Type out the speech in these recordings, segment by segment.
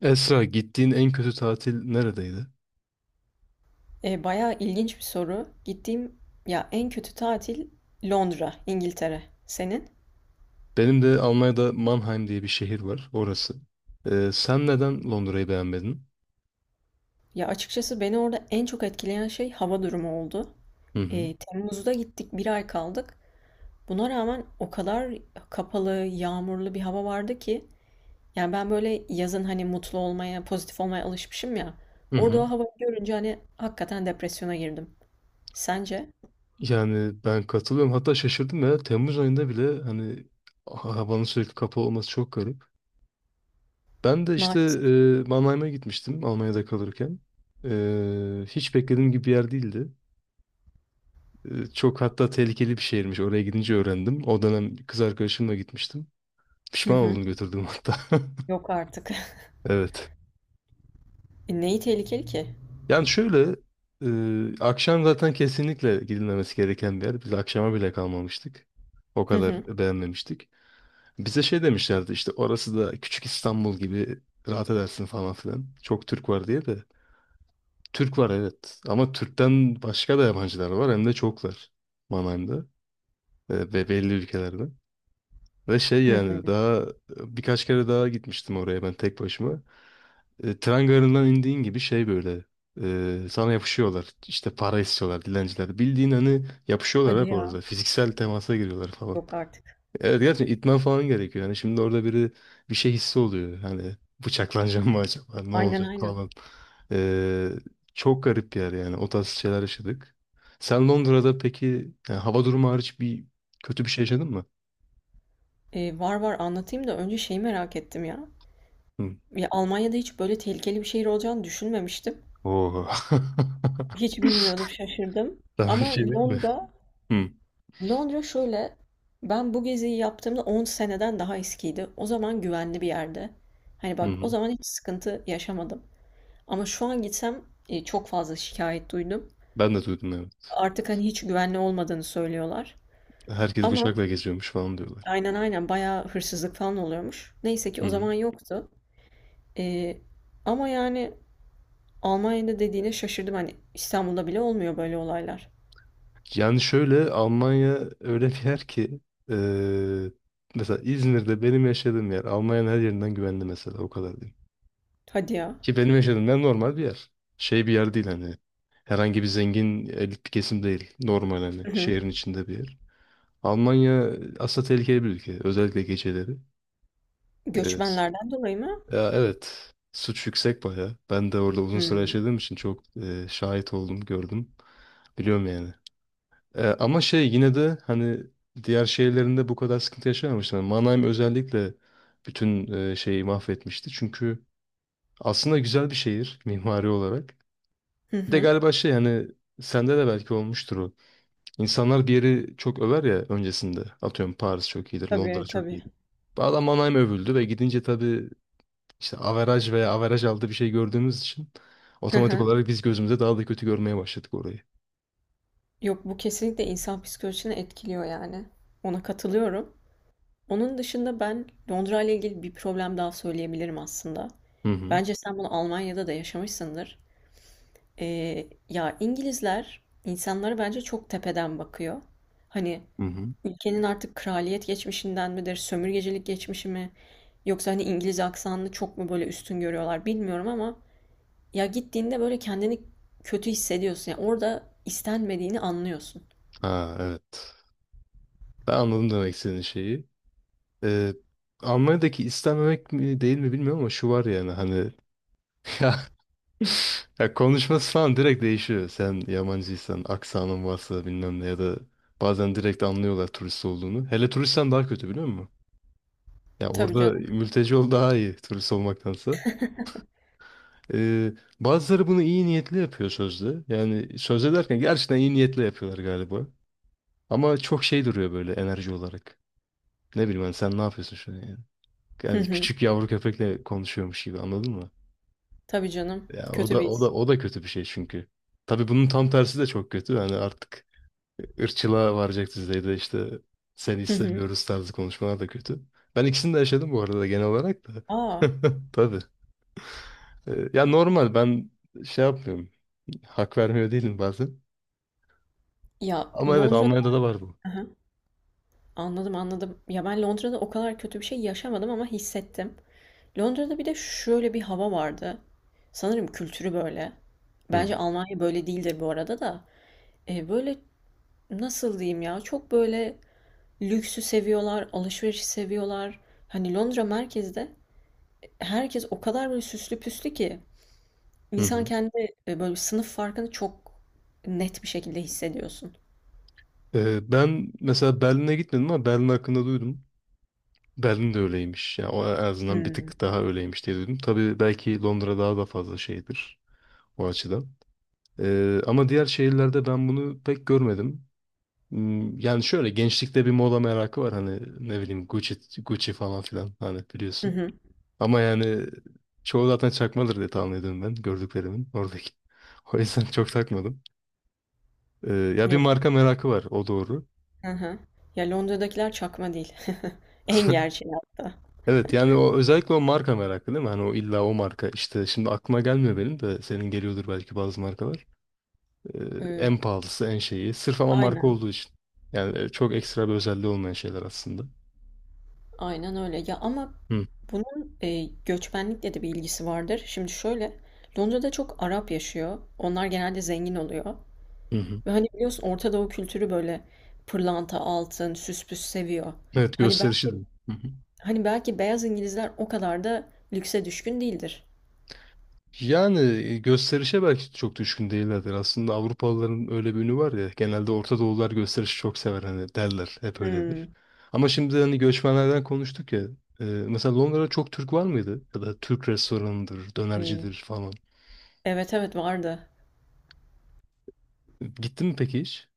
Esra, gittiğin en kötü tatil neredeydi? Bayağı ilginç bir soru. Gittiğim ya en kötü tatil Londra, İngiltere. Senin? Benim de Almanya'da Mannheim diye bir şehir var, orası. Sen neden Londra'yı beğenmedin? Ya açıkçası beni orada en çok etkileyen şey hava durumu oldu. Hı hı. Temmuz'da gittik, bir ay kaldık. Buna rağmen o kadar kapalı, yağmurlu bir hava vardı ki. Yani ben böyle yazın hani mutlu olmaya, pozitif olmaya alışmışım ya. Hı hı. Orada o havayı görünce hani hakikaten depresyona girdim. Sence? Yani ben katılıyorum. Hatta şaşırdım ya. Temmuz ayında bile hani havanın sürekli kapalı olması çok garip. Ben de işte Maalesef. Mannheim'a gitmiştim Almanya'da kalırken. Hiç beklediğim gibi bir yer değildi. Çok hatta tehlikeli bir şehirmiş. Oraya gidince öğrendim. O dönem kız arkadaşımla gitmiştim. Hı Pişman hı. oldum götürdüğüm hatta. Yok artık. Evet. Neyi tehlikeli ki? Yani şöyle akşam zaten kesinlikle gidilmemesi gereken bir yer. Biz akşama bile kalmamıştık. O Hı hı. kadar beğenmemiştik. Bize şey demişlerdi işte orası da küçük İstanbul gibi rahat edersin falan filan. Çok Türk var diye de. Türk var evet ama Türk'ten başka da yabancılar var hem de çoklar Mannheim'da ve belli ülkelerden. Ve şey Hı. yani daha birkaç kere daha gitmiştim oraya ben tek başıma. Tren garından indiğin gibi şey böyle sana yapışıyorlar. İşte para istiyorlar dilenciler. Bildiğin hani yapışıyorlar Hadi hep ya. orada. Fiziksel temasa giriyorlar falan. Yok artık. Evet gerçekten itmen falan gerekiyor. Yani şimdi orada biri bir şey hissi oluyor. Hani bıçaklanacağım mı acaba? Ne Aynen olacak aynen. falan. E, Çok garip bir yer yani. O tarz şeyler yaşadık. Sen Londra'da peki yani hava durumu hariç bir kötü bir şey yaşadın mı? Var var anlatayım da önce şeyi merak ettim ya. Hı. Ya Almanya'da hiç böyle tehlikeli bir şehir olacağını düşünmemiştim. Oo. Hiç bilmiyordum, şaşırdım. Sana bir Ama şey diyeyim mi? Londra, Hı. Londra şöyle, ben bu geziyi yaptığımda 10 seneden daha eskiydi. O zaman güvenli bir yerde. Hani Hı bak o hı. zaman hiç sıkıntı yaşamadım. Ama şu an gitsem çok fazla şikayet duydum. Ben de duydum evet. Artık hani hiç güvenli olmadığını söylüyorlar. Herkes Ama bıçakla geziyormuş falan diyorlar. aynen aynen bayağı hırsızlık falan oluyormuş. Neyse ki Hı o hı. zaman yoktu. Eee, ama yani Almanya'da dediğine şaşırdım. Hani İstanbul'da bile olmuyor böyle olaylar. Yani şöyle Almanya öyle bir yer ki eee, mesela İzmir'de benim yaşadığım yer Almanya'nın her yerinden güvenli mesela o kadar diyeyim. Hadi ya. Ki benim yaşadığım yer normal bir yer. Şey bir yer değil hani herhangi bir zengin elit bir kesim değil. Normal hani Hı hı. şehrin içinde bir yer. Almanya aslında tehlikeli bir ülke. Özellikle geceleri. Evet. Göçmenlerden dolayı mı? Ya evet. Suç yüksek bayağı. Ben de orada uzun süre Hmm. yaşadığım için çok şahit oldum, gördüm. Biliyorum yani. Ama şey yine de hani diğer şehirlerinde bu kadar sıkıntı yaşamamışlar. Mannheim özellikle bütün şeyi mahvetmişti. Çünkü aslında güzel bir şehir mimari olarak. Hı Bir de hı. galiba şey hani sende de belki olmuştur o. İnsanlar bir yeri çok över ya öncesinde. Atıyorum Paris çok iyidir, Londra Tabii çok tabii. iyidir. Bu adam Mannheim övüldü ve gidince tabii işte averaj veya averaj aldı bir şey gördüğümüz için Hı otomatik hı. olarak biz gözümüze daha da kötü görmeye başladık orayı. Yok, bu kesinlikle insan psikolojisini etkiliyor yani. Ona katılıyorum. Onun dışında ben Londra ile ilgili bir problem daha söyleyebilirim aslında. Hı hı. Bence sen bunu Almanya'da da yaşamışsındır. Ya İngilizler insanlara bence çok tepeden bakıyor. Hani Hı hı. ülkenin artık kraliyet geçmişinden midir, sömürgecilik geçmişi mi? Yoksa hani İngiliz aksanını çok mu böyle üstün görüyorlar bilmiyorum ama ya gittiğinde böyle kendini kötü hissediyorsun. Yani orada istenmediğini anlıyorsun. Ha evet. Ben anladım demek istediğin şeyi. Ee, Almanya'daki istenmemek mi değil mi bilmiyorum ama şu var yani hani ya, ya konuşması falan direkt değişiyor. Sen yabancıysan, aksanın varsa bilmem ne ya da bazen direkt anlıyorlar turist olduğunu. Hele turistsen daha kötü biliyor musun? Ya Tabii orada canım. mülteci ol daha iyi turist olmaktansa. Ee, Bazıları bunu iyi niyetli yapıyor sözde. Yani sözde derken gerçekten iyi niyetli yapıyorlar galiba. Ama çok şey duruyor böyle enerji olarak. Ne bileyim ben sen ne yapıyorsun şu an yani? Hı Yani hı. küçük yavru köpekle konuşuyormuş gibi anladın mı? Tabii canım. Ya o Kötü da bir o his. da o da kötü bir şey çünkü. Tabii bunun tam tersi de çok kötü. Yani artık ırkçılığa varacak düzeyde işte seni Hı hı. istemiyoruz tarzı konuşmalar da kötü. Ben ikisini de yaşadım bu arada genel olarak da. Aa. Tabii. Ya normal ben şey yapmıyorum. Hak vermiyor değilim bazen. Ya Ama evet Londra'da. Almanya'da da var bu. Hı hı. Anladım anladım. Ya ben Londra'da o kadar kötü bir şey yaşamadım ama hissettim. Londra'da bir de şöyle bir hava vardı. Sanırım kültürü böyle. Hı hı. Bence Almanya böyle değildir bu arada da. Böyle, nasıl diyeyim ya, çok böyle lüksü seviyorlar, alışverişi seviyorlar. Hani Londra merkezde herkes o kadar böyle süslü püslü ki Hı insan hı. kendi, böyle sınıf farkını çok net bir şekilde hissediyorsun. Ben mesela Berlin'e gitmedim ama Berlin hakkında duydum. Berlin de öyleymiş. Ya o en azından bir Hımm. tık daha öyleymiş diye duydum. Tabii belki Londra daha da fazla şeydir o açıdan. Ama diğer şehirlerde ben bunu pek görmedim. Yani şöyle gençlikte bir moda merakı var hani ne bileyim Gucci, Gucci falan filan hani Hı biliyorsun. hı. Ama yani çoğu zaten çakmadır diye tahmin ediyorum ben gördüklerimin oradaki. O yüzden çok takmadım. Ya bir Yok. marka merakı var o doğru. Hı hı. Ya, Londra'dakiler çakma değil. En gerçeği hatta. Evet yani o özellikle o marka merakı değil mi? Hani o illa o marka işte şimdi aklıma gelmiyor benim de senin geliyordur belki bazı markalar. Ee, En Eee, pahalısı en şeyi sırf ama marka aynen, olduğu için. Yani çok ekstra bir özelliği olmayan şeyler aslında. aynen öyle. Ya, ama Hı bunun göçmenlikle de bir ilgisi vardır. Şimdi şöyle, Londra'da çok Arap yaşıyor. Onlar genelde zengin oluyor. hı. Hı. Ve hani biliyorsun Orta Doğu kültürü böyle pırlanta, altın, süspüs seviyor. Evet Hani gösterişi de. belki Hı hı. hani belki beyaz İngilizler o kadar da lükse düşkün değildir. Yani gösterişe belki çok düşkün değillerdir. Aslında Avrupalıların öyle bir ünü var ya. Genelde Orta Doğulular gösterişi çok sever hani derler. Hep öyledir. Hmm. Ama şimdi hani göçmenlerden konuştuk ya. Mesela Londra'da çok Türk var mıydı? Ya da Türk restoranıdır, Ee, dönercidir falan. evet evet vardı. Gittin mi peki hiç?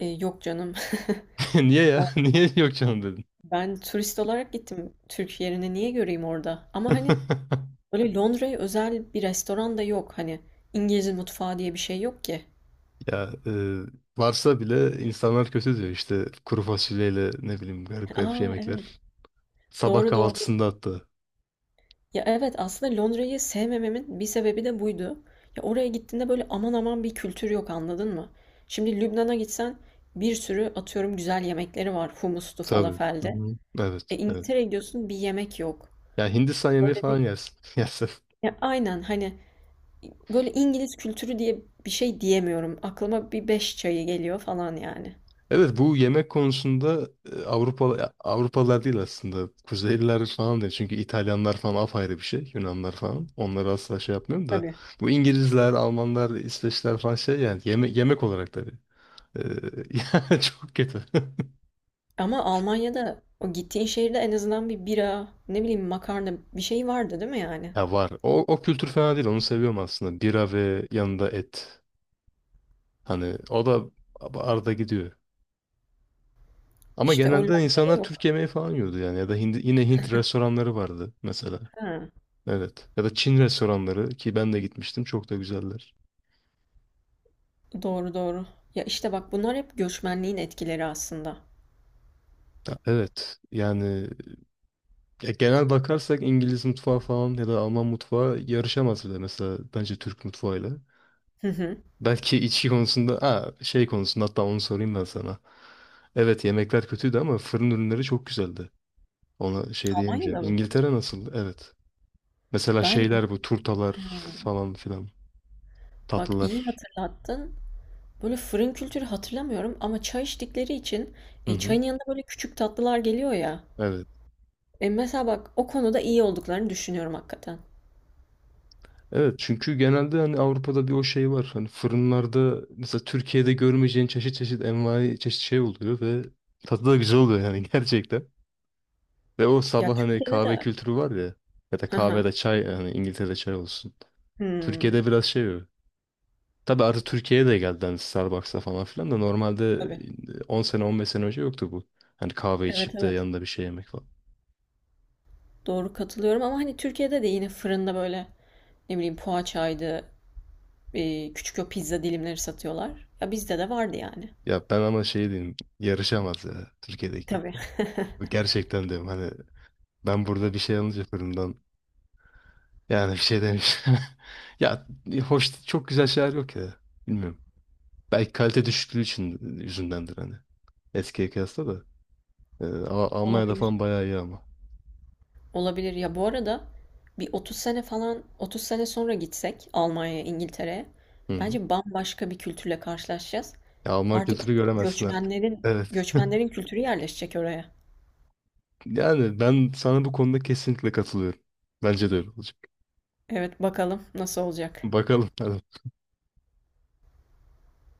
Yok canım. Niye ya? Niye yok canım dedin? Ben turist olarak gittim. Türk yerini niye göreyim orada? Ama hani böyle Londra'ya özel bir restoran da yok. Hani İngiliz mutfağı diye bir şey yok ki. Ya varsa bile insanlar kötü diyor işte kuru fasulyeyle ne bileyim garip garip Aa evet. yemekler. Sabah Doğru doğru. kahvaltısında hatta. Ya evet aslında Londra'yı sevmememin bir sebebi de buydu. Ya oraya gittiğinde böyle aman aman bir kültür yok anladın mı? Şimdi Lübnan'a gitsen bir sürü atıyorum güzel yemekleri var, humustu Tabii. Hı falafelde. hı. Evet, E evet. İngiltere'ye gidiyorsun bir yemek yok. Ya Hindistan yemeği Böyle falan bir yersin. yersin. ya aynen hani böyle İngiliz kültürü diye bir şey diyemiyorum. Aklıma bir beş çayı geliyor falan yani. Evet bu yemek konusunda Avrupalılar değil aslında. Kuzeyliler falan değil. Çünkü İtalyanlar falan apayrı bir şey. Yunanlar falan. Onları asla şey yapmıyorum da. Tabii. Bu İngilizler, Almanlar, İsveçler falan şey yani. Yemek olarak tabii. Ee, Yani çok kötü. Ama Almanya'da o gittiğin şehirde en azından bir bira, ne bileyim makarna bir şey vardı değil mi yani? Ya var. O kültür fena değil. Onu seviyorum aslında. Bira ve yanında et. Hani o da arada gidiyor. Ama İşte o genelde Londra'da insanlar Türk yok. yemeği falan yiyordu yani. Ya da yine Hint restoranları vardı mesela. Ha. Evet. Ya da Çin restoranları ki ben de gitmiştim çok da güzeller. Doğru doğru. Ya işte bak bunlar hep göçmenliğin etkileri aslında. Ya evet. Yani ya genel bakarsak İngiliz mutfağı falan ya da Alman mutfağı yarışamaz bile mesela bence Türk mutfağıyla. Hı hı. Belki içki konusunda ha, şey konusunda hatta onu sorayım ben sana. Evet yemekler kötüydü ama fırın ürünleri çok güzeldi. Ona şey diyemeyeceğim. Almanya'da mı? İngiltere nasıl? Evet. Mesela Ben şeyler bu turtalar ha, falan filan bak iyi tatlılar. hatırlattın. Böyle fırın kültürü hatırlamıyorum ama çay içtikleri için Hı hı. çayın yanında böyle küçük tatlılar geliyor ya. Evet. Mesela bak o konuda iyi olduklarını düşünüyorum hakikaten. Evet çünkü genelde hani Avrupa'da bir o şey var. Hani fırınlarda mesela Türkiye'de görmeyeceğin çeşit çeşit envai çeşit şey oluyor ve tadı da güzel oluyor yani gerçekten. Ve o Ya sabah hani Türkiye'de kahve de. kültürü var ya ya da Hı hı. kahvede çay hani İngiltere'de çay olsun. Hmm, Türkiye'de biraz şey o. Tabii artık Türkiye'ye de geldi hani Starbucks'a falan filan da normalde tabii. 10 sene 15 sene önce yoktu bu. Hani kahve Evet içip de evet. yanında bir şey yemek falan. Doğru katılıyorum ama hani Türkiye'de de yine fırında böyle ne bileyim poğaçaydı, küçük o pizza dilimleri satıyorlar. Ya bizde de vardı yani. Ya ben ama şey diyeyim yarışamaz ya Türkiye'deki. Tabii. Gerçekten diyorum hani ben burada bir şey alınca fırından. Yani bir şey demiş. Ya hoş çok güzel şeyler yok ya. Bilmiyorum. Belki kalite düşüklüğü için yüzündendir hani. Eskiye kıyasla da. Ama Almanya'da Olabilir. falan bayağı iyi ama. Olabilir. Ya bu arada bir 30 sene falan 30 sene sonra gitsek Almanya'ya, İngiltere'ye Hı hı. bence bambaşka bir kültürle karşılaşacağız. Ya Alman Artık kültürü çünkü göremezsin artık. göçmenlerin Evet. göçmenlerin kültürü yerleşecek oraya. Yani ben sana bu konuda kesinlikle katılıyorum. Bence de öyle olacak. Evet bakalım nasıl olacak. Bakalım. Hadi.